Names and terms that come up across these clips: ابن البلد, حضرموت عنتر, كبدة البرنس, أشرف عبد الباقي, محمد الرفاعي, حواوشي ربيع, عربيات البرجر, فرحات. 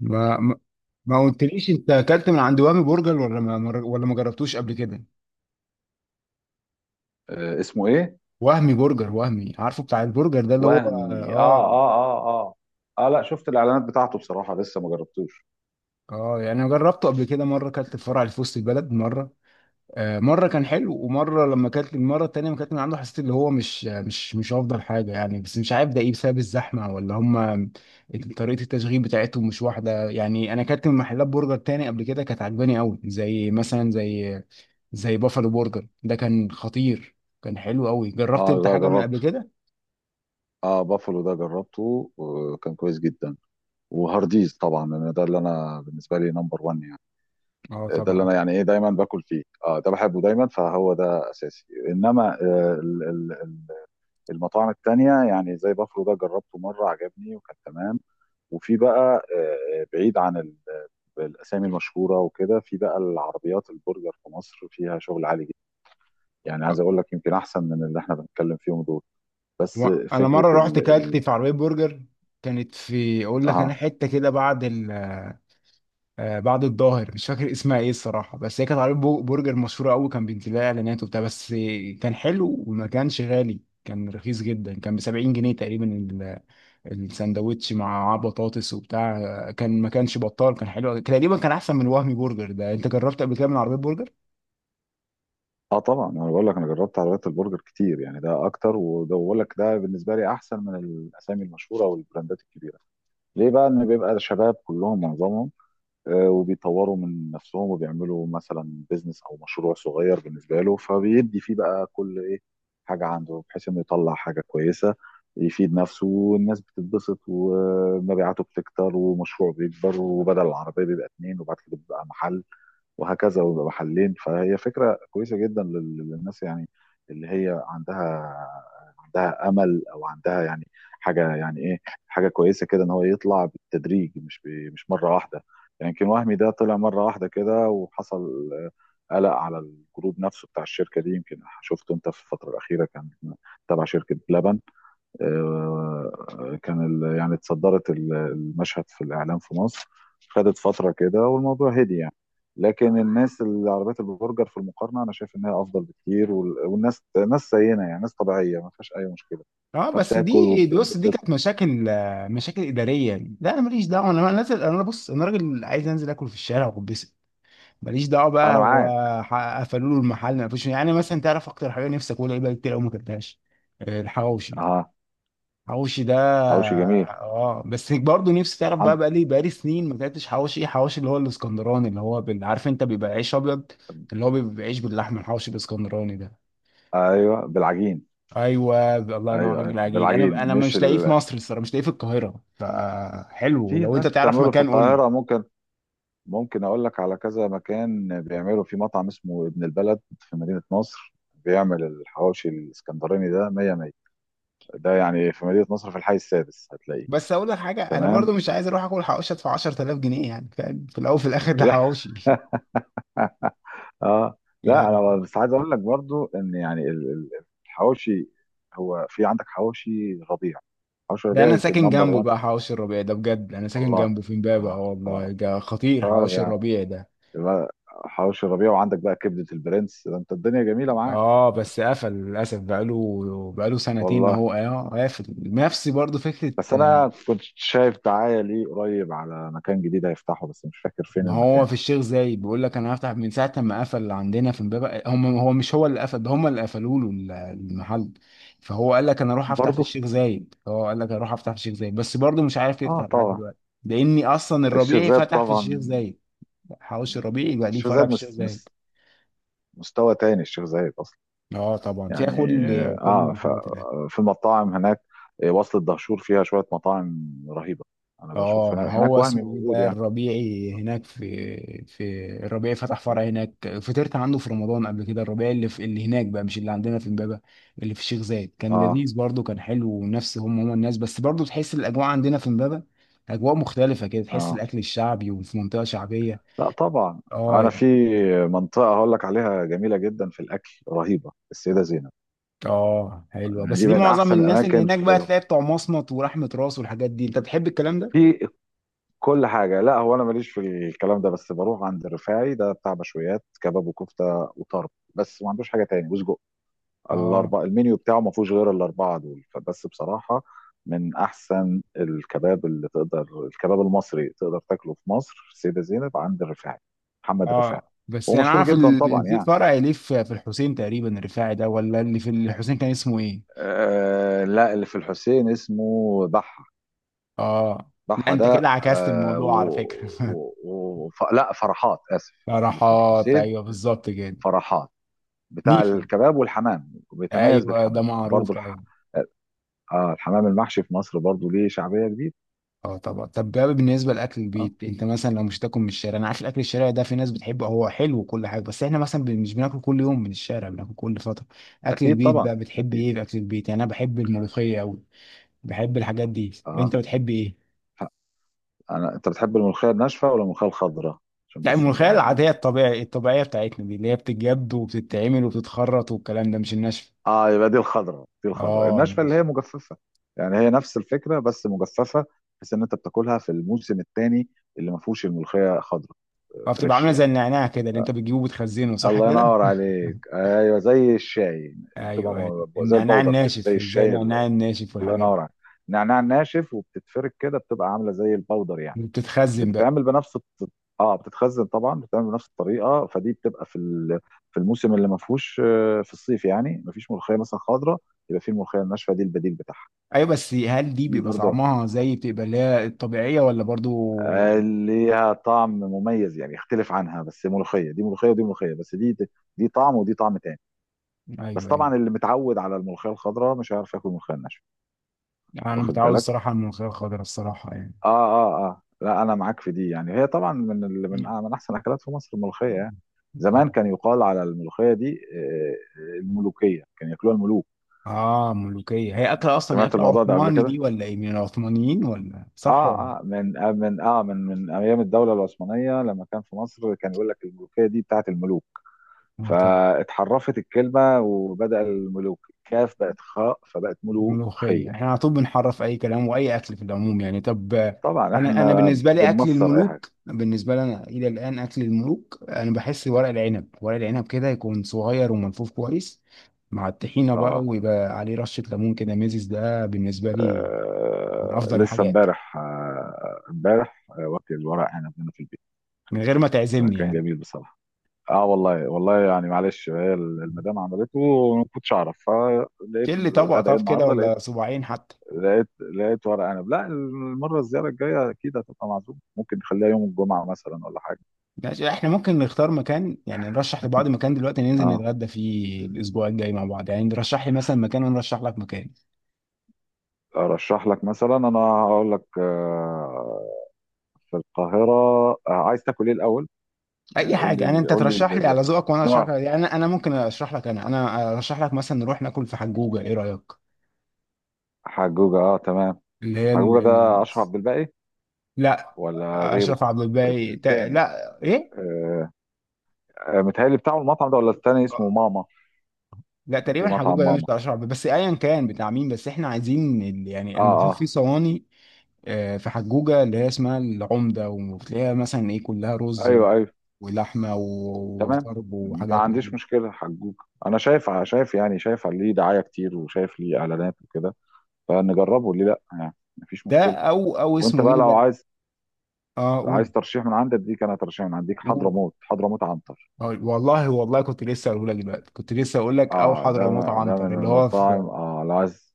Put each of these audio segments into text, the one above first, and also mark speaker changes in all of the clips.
Speaker 1: ما ما ما قلتليش انت اكلت من عند وهمي برجر ولا ما جربتوش قبل كده.
Speaker 2: اسمه ايه؟
Speaker 1: وهمي برجر، وهمي، عارفه بتاع البرجر ده اللي هو
Speaker 2: وهمي، اه، اه، اه، اه، اه، لا، شفت الاعلانات بتاعته بصراحه، لسه ما جربتوش.
Speaker 1: اه يعني انا جربته قبل كده مره، اكلت في فرع اللي في وسط البلد مره. مره كان حلو، ومره لما كانت المره التانيه ما كانت من عنده حسيت اللي هو مش افضل حاجه يعني، بس مش عارف ده ايه، بسبب الزحمه ولا هم طريقه التشغيل بتاعتهم مش واحده. يعني انا كانت من محلات برجر تاني قبل كده كانت عجباني قوي، زي مثلا زي بافالو برجر ده، كان خطير، كان حلو قوي. جربت
Speaker 2: اه،
Speaker 1: انت
Speaker 2: ده
Speaker 1: حاجه من قبل
Speaker 2: جربته.
Speaker 1: كده؟
Speaker 2: اه، بافلو ده جربته وكان كويس جدا. وهارديز طبعا، لان ده اللي انا بالنسبه لي نمبر 1 يعني.
Speaker 1: اه
Speaker 2: ده اللي
Speaker 1: طبعا.
Speaker 2: انا يعني ايه دايما باكل فيه، اه، ده بحبه دايما فهو ده اساسي، انما المطاعم التانية يعني زي بافلو ده جربته مره، عجبني وكان تمام. وفي بقى، بعيد عن الاسامي المشهوره وكده، في بقى العربيات البرجر في مصر فيها شغل عالي جدا، يعني عايز
Speaker 1: آه.
Speaker 2: اقول لك يمكن احسن من اللي احنا بنتكلم فيهم دول. بس
Speaker 1: انا
Speaker 2: فكره
Speaker 1: مره رحت
Speaker 2: ال
Speaker 1: كلت
Speaker 2: ال
Speaker 1: في عربيه برجر، كانت في، اقول لك انا،
Speaker 2: اه،
Speaker 1: حته كده بعد بعد الظاهر، مش فاكر اسمها ايه الصراحه، بس هي كانت عربيه برجر مشهوره قوي، كان بينزل لها اعلانات وبتاع. بس كان حلو وما كانش غالي، كان رخيص جدا، كان ب 70 جنيه تقريبا الساندوتش مع بطاطس وبتاع. كان ما كانش بطال، كان حلو أوي. تقريبا كان احسن من وهمي برجر ده. انت جربت قبل كده من عربيه برجر؟
Speaker 2: اه، طبعا انا بقول لك، انا جربت عربيات البرجر كتير، يعني ده اكتر، وده بقول لك ده بالنسبه لي احسن من الاسامي المشهوره والبراندات الكبيره. ليه بقى؟ ان بيبقى شباب كلهم معظمهم، وبيطوروا من نفسهم وبيعملوا مثلا بيزنس او مشروع صغير بالنسبه له، فبيدي فيه بقى كل ايه حاجه عنده، بحيث انه يطلع حاجه كويسه، يفيد نفسه والناس بتتبسط، ومبيعاته بتكتر ومشروعه بيكبر، وبدل العربيه بيبقى اتنين وبعد كده بيبقى محل وهكذا، ويبقى محلين. فهي فكره كويسه جدا للناس يعني، اللي هي عندها، عندها امل او عندها يعني حاجه، يعني ايه، حاجه كويسه كده، ان هو يطلع بالتدريج مش مش مره واحده. يعني يمكن وهمي ده طلع مره واحده كده، وحصل قلق على الجروب نفسه بتاع الشركه دي، يمكن شفته انت في الفتره الاخيره، كان تبع شركه بلبن. كان يعني اتصدرت المشهد في الإعلام في مصر، خدت فترة كده والموضوع هدي يعني. لكن الناس اللي عربيات البرجر، في المقارنة أنا شايف إنها أفضل بكتير، والناس ناس زينا، يعني ناس طبيعية ما فيهاش أي مشكلة،
Speaker 1: اه، بس
Speaker 2: فبتاكل
Speaker 1: دي بص، دي
Speaker 2: وبتنبسط.
Speaker 1: كانت مشاكل، مشاكل اداريه، لا انا ماليش دعوه، انا نازل، انا بص انا راجل عايز انزل اكل في الشارع وبس. ماليش دعوه بقى
Speaker 2: أنا
Speaker 1: هو
Speaker 2: معاك.
Speaker 1: قفلوا له المحل. ما فيش يعني مثلا، تعرف اكتر حاجه نفسك، اقول ايه بقى، كتير قوي ما اكلتهاش، الحواوشي،
Speaker 2: أه.
Speaker 1: الحواوشي ده.
Speaker 2: حواوشي جميل.
Speaker 1: اه بس برضه نفسي، تعرف بقى،
Speaker 2: عند.
Speaker 1: بقى لي سنين ما اكلتش حواوشي. حواوشي اللي هو الاسكندراني، اللي هو عارف انت بيبقى عيش ابيض، اللي هو بيبقى عيش باللحمه، الحواوشي الاسكندراني ده.
Speaker 2: أيوه بالعجين.
Speaker 1: ايوه، الله ينور،
Speaker 2: أيوه،
Speaker 1: راجل
Speaker 2: أيوه
Speaker 1: عجين.
Speaker 2: بالعجين،
Speaker 1: انا
Speaker 2: مش
Speaker 1: مش لاقيه في مصر الصراحه، مش لاقيه في القاهره، فحلو
Speaker 2: في
Speaker 1: لو انت
Speaker 2: ناس
Speaker 1: تعرف
Speaker 2: بتعمله في
Speaker 1: مكان قول لي.
Speaker 2: القاهرة، ممكن، ممكن اقول لك على كذا مكان، بيعملوا في مطعم اسمه ابن البلد في مدينة نصر، بيعمل الحواوشي الاسكندراني ده مية مية. ده يعني في مدينة نصر في الحي السادس هتلاقيه.
Speaker 1: بس اقول لك حاجه، انا
Speaker 2: تمام.
Speaker 1: برضو مش عايز اروح اكل حواوشي ادفع 10,000 جنيه يعني، فاهم؟ في الاول وفي الاخر ده
Speaker 2: لا.
Speaker 1: حواوشي
Speaker 2: اه، لا،
Speaker 1: يعني.
Speaker 2: انا بس عايز اقول لك برضو ان يعني الحواوشي، هو في عندك حواوشي ربيع. حواوشي
Speaker 1: ده
Speaker 2: ربيع
Speaker 1: انا
Speaker 2: يمكن
Speaker 1: ساكن
Speaker 2: نمبر
Speaker 1: جنبه
Speaker 2: 1.
Speaker 1: بقى، حواوشي الربيع ده بجد، انا ساكن
Speaker 2: والله.
Speaker 1: جنبه في امبابه. اه
Speaker 2: اه، اه،
Speaker 1: والله ده خطير
Speaker 2: طيب
Speaker 1: حواوشي
Speaker 2: يعني،
Speaker 1: الربيع ده.
Speaker 2: يبقى حواوشي ربيع وعندك بقى كبدة البرنس، ده انت الدنيا جميلة معاك.
Speaker 1: اه بس قفل للاسف، بقاله سنتين
Speaker 2: والله.
Speaker 1: اهو، اه قافل. نفس برضو فكره.
Speaker 2: بس انا كنت شايف دعايه ليه قريب على مكان جديد هيفتحه، بس مش فاكر فين
Speaker 1: ما هو
Speaker 2: المكان.
Speaker 1: في الشيخ زايد، بيقول لك انا هفتح من ساعه ما قفل اللي عندنا في امبابه. هو مش هو اللي قفل ده، هم اللي قفلوا له المحل. فهو قال لك انا اروح افتح في
Speaker 2: برضه.
Speaker 1: الشيخ زايد، هو قال لك اروح افتح في الشيخ زايد، بس برضه مش عارف
Speaker 2: اه،
Speaker 1: يفتح لحد
Speaker 2: طبعا.
Speaker 1: دلوقتي. لاني اصلا
Speaker 2: الشيخ
Speaker 1: الربيعي
Speaker 2: زايد
Speaker 1: فتح في الشيخ
Speaker 2: طبعا.
Speaker 1: زايد. حوش الربيعي بقى ليه
Speaker 2: الشيخ زايد
Speaker 1: فرع في الشيخ زايد.
Speaker 2: مستوى تاني، الشيخ زايد اصلا.
Speaker 1: اه طبعا فيها
Speaker 2: يعني
Speaker 1: كل، كل
Speaker 2: اه ف...
Speaker 1: المحلات.
Speaker 2: في المطاعم هناك، وصلة دهشور فيها شويه مطاعم رهيبه. انا بشوف
Speaker 1: اه ما
Speaker 2: هناك
Speaker 1: هو
Speaker 2: وهمي
Speaker 1: اسمه ايه
Speaker 2: موجود
Speaker 1: ده
Speaker 2: يعني.
Speaker 1: الربيعي هناك، في الربيعي فتح فرع هناك، فطرت عنده في رمضان قبل كده. الربيعي اللي في، اللي هناك بقى، مش اللي عندنا في امبابة، اللي في الشيخ زايد كان
Speaker 2: اه،
Speaker 1: لذيذ برضه، كان حلو ونفس هم الناس، بس برضه تحس الاجواء عندنا في امبابة اجواء مختلفة كده، تحس
Speaker 2: اه،
Speaker 1: الاكل الشعبي، وفي منطقة شعبية.
Speaker 2: لا طبعا.
Speaker 1: اه.
Speaker 2: انا في منطقه هقول لك عليها جميله جدا في الاكل، رهيبه، السيده زينب،
Speaker 1: اه حلوة،
Speaker 2: يعني
Speaker 1: بس
Speaker 2: دي
Speaker 1: دي
Speaker 2: من
Speaker 1: معظم
Speaker 2: احسن
Speaker 1: الناس اللي
Speaker 2: الاماكن
Speaker 1: هناك
Speaker 2: في،
Speaker 1: بقى تلاقي بتوع مصمت ورحمة راس والحاجات دي، انت بتحب الكلام ده؟
Speaker 2: في كل حاجة. لا هو، أنا ماليش في الكلام ده، بس بروح عند الرفاعي ده بتاع مشويات كباب وكفتة وطرب، بس ما عندوش حاجة تاني وسجق.
Speaker 1: اه،
Speaker 2: الأربعة المنيو بتاعه ما فيهوش غير الأربعة دول، فبس بصراحة من أحسن الكباب اللي تقدر، الكباب المصري تقدر تاكله في مصر في السيدة زينب عند الرفاعي، محمد الرفاعي.
Speaker 1: اه بس
Speaker 2: هو
Speaker 1: يعني انا
Speaker 2: مشهور
Speaker 1: عارف
Speaker 2: جدا طبعا
Speaker 1: في
Speaker 2: يعني.
Speaker 1: فرع ليه في، في الحسين تقريبا الرفاعي ده، ولا اللي في الحسين كان اسمه ايه؟
Speaker 2: لا، اللي في الحسين اسمه بحة.
Speaker 1: اه لا
Speaker 2: بحة
Speaker 1: انت
Speaker 2: ده
Speaker 1: كده عكست الموضوع على فكرة
Speaker 2: لا، فرحات آسف. اللي في
Speaker 1: فرحات،
Speaker 2: الحسين
Speaker 1: ايوه بالظبط كده.
Speaker 2: فرحات، بتاع
Speaker 1: نيفا،
Speaker 2: الكباب والحمام، بيتميز
Speaker 1: ايوه ده
Speaker 2: بالحمام برضو
Speaker 1: معروف قوي.
Speaker 2: الحمام المحشي في مصر برضو ليه شعبية كبيرة.
Speaker 1: اه طبعا. طب بقى بالنسبه لاكل
Speaker 2: اه،
Speaker 1: البيت، انت مثلا لو مش هتاكل من الشارع، انا عارف الاكل الشارع ده في ناس بتحبه، هو حلو وكل حاجه، بس احنا مثلا مش بناكل كل يوم من الشارع، بناكل كل فتره. اكل
Speaker 2: اكيد
Speaker 1: البيت
Speaker 2: طبعا،
Speaker 1: بقى بتحب
Speaker 2: اكيد.
Speaker 1: ايه في اكل البيت؟ يعني انا بحب الملوخيه قوي، بحب الحاجات دي.
Speaker 2: اه
Speaker 1: انت بتحب ايه؟
Speaker 2: ف- انا، انت بتحب الملوخية الناشفة ولا الملوخية الخضراء؟ عشان
Speaker 1: لا
Speaker 2: بس
Speaker 1: الملوخية
Speaker 2: نبقى
Speaker 1: العادية، الطبيعية، الطبيعية بتاعتنا دي اللي هي بتتجد وبتتعمل وبتتخرط والكلام ده، مش الناشفة.
Speaker 2: اه، يبقى دي الخضراء، دي الخضراء
Speaker 1: اه
Speaker 2: الناشفة اللي هي
Speaker 1: ماشي.
Speaker 2: مجففة، يعني هي نفس الفكرة بس مجففة، بحيث ان انت بتاكلها في الموسم الثاني اللي ما فيهوش الملوخية خضراء،
Speaker 1: اه بتبقى
Speaker 2: فريش
Speaker 1: عاملة زي
Speaker 2: يعني.
Speaker 1: النعناع كده اللي انت بتجيبه وبتخزنه، صح
Speaker 2: الله
Speaker 1: كده؟
Speaker 2: ينور عليك، ايوه زي الشاي. بتبقى
Speaker 1: ايوه أيوة.
Speaker 2: زي
Speaker 1: النعناع
Speaker 2: البودر كده، زي
Speaker 1: الناشف، زي
Speaker 2: الشاي.
Speaker 1: النعناع الناشف
Speaker 2: الله
Speaker 1: والحاجات دي،
Speaker 2: ينور عليك. نعناع ناشف، وبتتفرك كده، بتبقى عامله زي الباودر يعني.
Speaker 1: اللي بتتخزن بقى.
Speaker 2: بتتعمل بنفس الط- اه بتتخزن طبعا، بتتعمل بنفس الطريقه. فدي بتبقى في في الموسم اللي ما فيهوش، في الصيف يعني، ما فيش ملوخيه مثلا خضراء، يبقى في الملوخيه الناشفه دي البديل بتاعها.
Speaker 1: ايوه بس هل دي
Speaker 2: دي
Speaker 1: بيبقى
Speaker 2: برضه
Speaker 1: طعمها زي بتبقى اللي هي الطبيعية، ولا برضو؟
Speaker 2: ليها طعم مميز، يعني يختلف عنها، بس ملوخيه دي ملوخيه ودي ملوخيه، بس دي، دي طعم ودي طعم تاني. بس
Speaker 1: ايوه ايوه.
Speaker 2: طبعا اللي متعود على الملوخيه الخضراء مش هيعرف ياكل الملوخيه الناشفه.
Speaker 1: يعني انا
Speaker 2: واخد
Speaker 1: متعود
Speaker 2: بالك.
Speaker 1: الصراحة على الملوخية الخضراء الصراحة يعني.
Speaker 2: اه، اه، اه، لا، انا معاك في دي، يعني هي طبعا من ال... من آه، من احسن الاكلات في مصر، الملوخيه يعني. زمان كان يقال على الملوخيه دي، الملوكيه، كان ياكلوها الملوك.
Speaker 1: اه ملوكية، هي أكلة، أصلا
Speaker 2: سمعت
Speaker 1: أكلة
Speaker 2: الموضوع ده قبل
Speaker 1: عثماني
Speaker 2: كده.
Speaker 1: دي ولا إيه؟ من العثمانيين ولا؟ صح ولا؟
Speaker 2: اه، اه، من آه من اه من من ايام الدوله العثمانيه، لما كان في مصر، كان يقول لك الملوكيه دي بتاعت الملوك،
Speaker 1: آه طبعا.
Speaker 2: فاتحرفت الكلمه وبدا الملوك الكاف بقت خاء فبقت ملوخيه.
Speaker 1: ملوخية، إحنا على طول بنحرف أي كلام وأي أكل في العموم يعني. طب
Speaker 2: طبعا
Speaker 1: أنا
Speaker 2: احنا
Speaker 1: بالنسبة لي أكل
Speaker 2: بنمصر اي حاجه.
Speaker 1: الملوك، بالنسبة لي أنا إلى الآن أكل الملوك، أنا بحس ورق العنب، ورق العنب، كده يكون صغير وملفوف كويس، مع الطحينة بقى،
Speaker 2: اه،
Speaker 1: ويبقى عليه رشة ليمون كده، ميزز، ده بالنسبة لي من
Speaker 2: آه،
Speaker 1: أفضل
Speaker 2: لسه
Speaker 1: الحاجات.
Speaker 2: امبارح، امبارح واكل الورق عنب هنا في البيت،
Speaker 1: من غير ما تعزمني
Speaker 2: فكان
Speaker 1: يعني،
Speaker 2: جميل بصراحه. اه، والله، والله يعني، معلش، هي المدام عملته وما كنتش اعرف، فلقيت
Speaker 1: كل طبق،
Speaker 2: الغدا ايه
Speaker 1: طب كده
Speaker 2: النهارده،
Speaker 1: ولا صباعين حتى.
Speaker 2: لقيت لقيت ورق عنب. لا، الزياره الجايه اكيد هتبقى معزوم، ممكن نخليها يوم الجمعه مثلا ولا حاجه.
Speaker 1: ماشي، احنا ممكن نختار مكان يعني، نرشح لبعض مكان دلوقتي، ننزل
Speaker 2: اه،
Speaker 1: نتغدى فيه الاسبوع الجاي مع بعض يعني، ترشح لي مثلا مكان وانا ارشح لك مكان.
Speaker 2: ارشح لك مثلا، انا هقول لك، في القاهره. عايز تاكل ايه الاول؟
Speaker 1: اي
Speaker 2: يعني
Speaker 1: حاجه، انا انت
Speaker 2: قول لي
Speaker 1: ترشح لي على ذوقك وانا ارشح لك
Speaker 2: النوع.
Speaker 1: يعني. انا ممكن ارشح لك، انا ارشح لك مثلا نروح ناكل في حجوجه، ايه رايك؟
Speaker 2: حجوجه، اه، تمام.
Speaker 1: اللي هي
Speaker 2: حجوجة
Speaker 1: ال... ال...
Speaker 2: ده أشرف عبد الباقي
Speaker 1: لا
Speaker 2: ولا غيره؟
Speaker 1: اشرف عبد الباقي
Speaker 2: التاني.
Speaker 1: لا ايه،
Speaker 2: آه آه، متهيألي بتاعه المطعم ده، ولا التاني اسمه ماما؟
Speaker 1: لا
Speaker 2: في
Speaker 1: تقريبا حجوجه
Speaker 2: مطعم
Speaker 1: ده مش
Speaker 2: ماما.
Speaker 1: بتاع اشرف عبد الباقي، بس ايا كان بتاع مين، بس احنا عايزين يعني
Speaker 2: اه،
Speaker 1: انا بشوف في
Speaker 2: اه،
Speaker 1: صواني. في حجوجة اللي هي اسمها العمدة، وبتلاقيها مثلا ايه كلها رز
Speaker 2: ايوه، ايوه
Speaker 1: ولحمة
Speaker 2: تمام،
Speaker 1: وطرب
Speaker 2: ما
Speaker 1: وحاجات من
Speaker 2: عنديش
Speaker 1: دي.
Speaker 2: مشكلة، حجوج. انا شايف، يعني شايف ليه دعاية كتير، وشايف ليه اعلانات وكده، فنجربه ليه لا، يعني مفيش
Speaker 1: ده،
Speaker 2: مشكلة.
Speaker 1: او
Speaker 2: وانت
Speaker 1: اسمه
Speaker 2: بقى
Speaker 1: ايه
Speaker 2: لو
Speaker 1: ده.
Speaker 2: عايز،
Speaker 1: اه قول،
Speaker 2: عايز ترشيح من عندك؟ ديك انا ترشيح من عندك،
Speaker 1: قول.
Speaker 2: حضرموت، حضرموت عنتر.
Speaker 1: والله، والله كنت لسه اقول لك دلوقتي، كنت لسه اقول لك، او
Speaker 2: اه،
Speaker 1: حضرموت
Speaker 2: ده من
Speaker 1: عنتر اللي هو في.
Speaker 2: المطاعم، اه، لو عايز،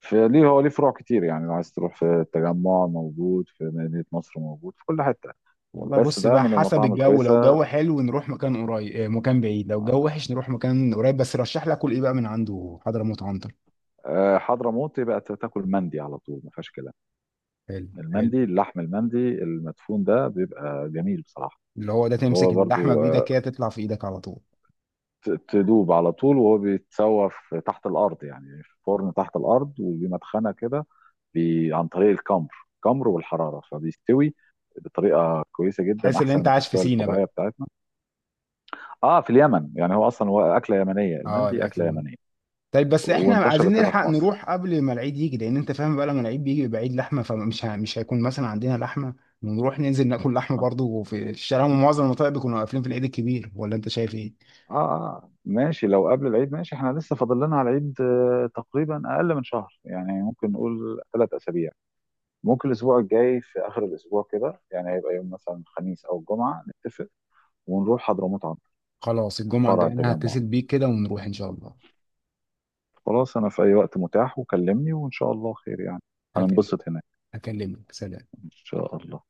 Speaker 2: فليه هو ليه فروع كتير، يعني لو عايز تروح في التجمع موجود، في مدينة نصر موجود، في كل حتة.
Speaker 1: والله
Speaker 2: بس
Speaker 1: بص
Speaker 2: ده
Speaker 1: بقى،
Speaker 2: من
Speaker 1: حسب
Speaker 2: المطاعم
Speaker 1: الجو، لو
Speaker 2: الكويسة،
Speaker 1: جو حلو نروح مكان قريب، مكان بعيد، لو جو وحش نروح مكان قريب. بس رشح لك كل ايه بقى من عنده حضرموت عنتر؟
Speaker 2: حضرموت. يبقى تاكل مندي على طول ما فيهاش كلام.
Speaker 1: حلو حلو.
Speaker 2: المندي اللحم، المندي المدفون ده بيبقى جميل بصراحة.
Speaker 1: اللي هو ده
Speaker 2: هو
Speaker 1: تمسك اللحمة
Speaker 2: برضو،
Speaker 1: بايدك كده، تطلع في ايدك على طول.
Speaker 2: تدوب على طول، وهو بيتسوى في تحت الأرض يعني، في فرن تحت الأرض وليه مدخنة كده، عن طريق الكمر، الكمر والحرارة فبيستوي بطريقة كويسة جدا،
Speaker 1: تحس ان
Speaker 2: أحسن
Speaker 1: انت
Speaker 2: من
Speaker 1: عايش في
Speaker 2: التسوية
Speaker 1: سينا
Speaker 2: الطبيعية
Speaker 1: بقى.
Speaker 2: بتاعتنا. اه، في اليمن يعني، هو اصلا هو اكله يمنيه،
Speaker 1: اه
Speaker 2: المندي اكله
Speaker 1: الاكل.
Speaker 2: يمنيه،
Speaker 1: طيب بس احنا عايزين
Speaker 2: وانتشرت هنا
Speaker 1: نلحق
Speaker 2: في مصر.
Speaker 1: نروح قبل ما العيد يجي، لان انت فاهم بقى لما العيد بيجي بيبقى عيد لحمه، فمش مش هيكون مثلا عندنا لحمه، ونروح ننزل ناكل لحمه برضو في الشارع، ومعظم المطاعم بيكونوا قافلين في العيد الكبير، ولا انت شايف ايه؟
Speaker 2: اه، اه، ماشي، لو قبل العيد ماشي، احنا لسه فاضل لنا على العيد تقريبا اقل من شهر، يعني ممكن نقول 3 اسابيع، ممكن الاسبوع الجاي في اخر الاسبوع كده، يعني هيبقى يوم مثلا الخميس او الجمعه، نتفق ونروح حضرموت عنتر،
Speaker 1: خلاص الجمعه
Speaker 2: فرع
Speaker 1: الجايه انا
Speaker 2: التجمع.
Speaker 1: هتصل بيك كده، ونروح ان شاء الله.
Speaker 2: خلاص، انا في اي وقت متاح، وكلمني وان شاء الله خير يعني،
Speaker 1: هكلم،
Speaker 2: هننبسط هناك
Speaker 1: هكلمك، سلام.
Speaker 2: ان شاء الله.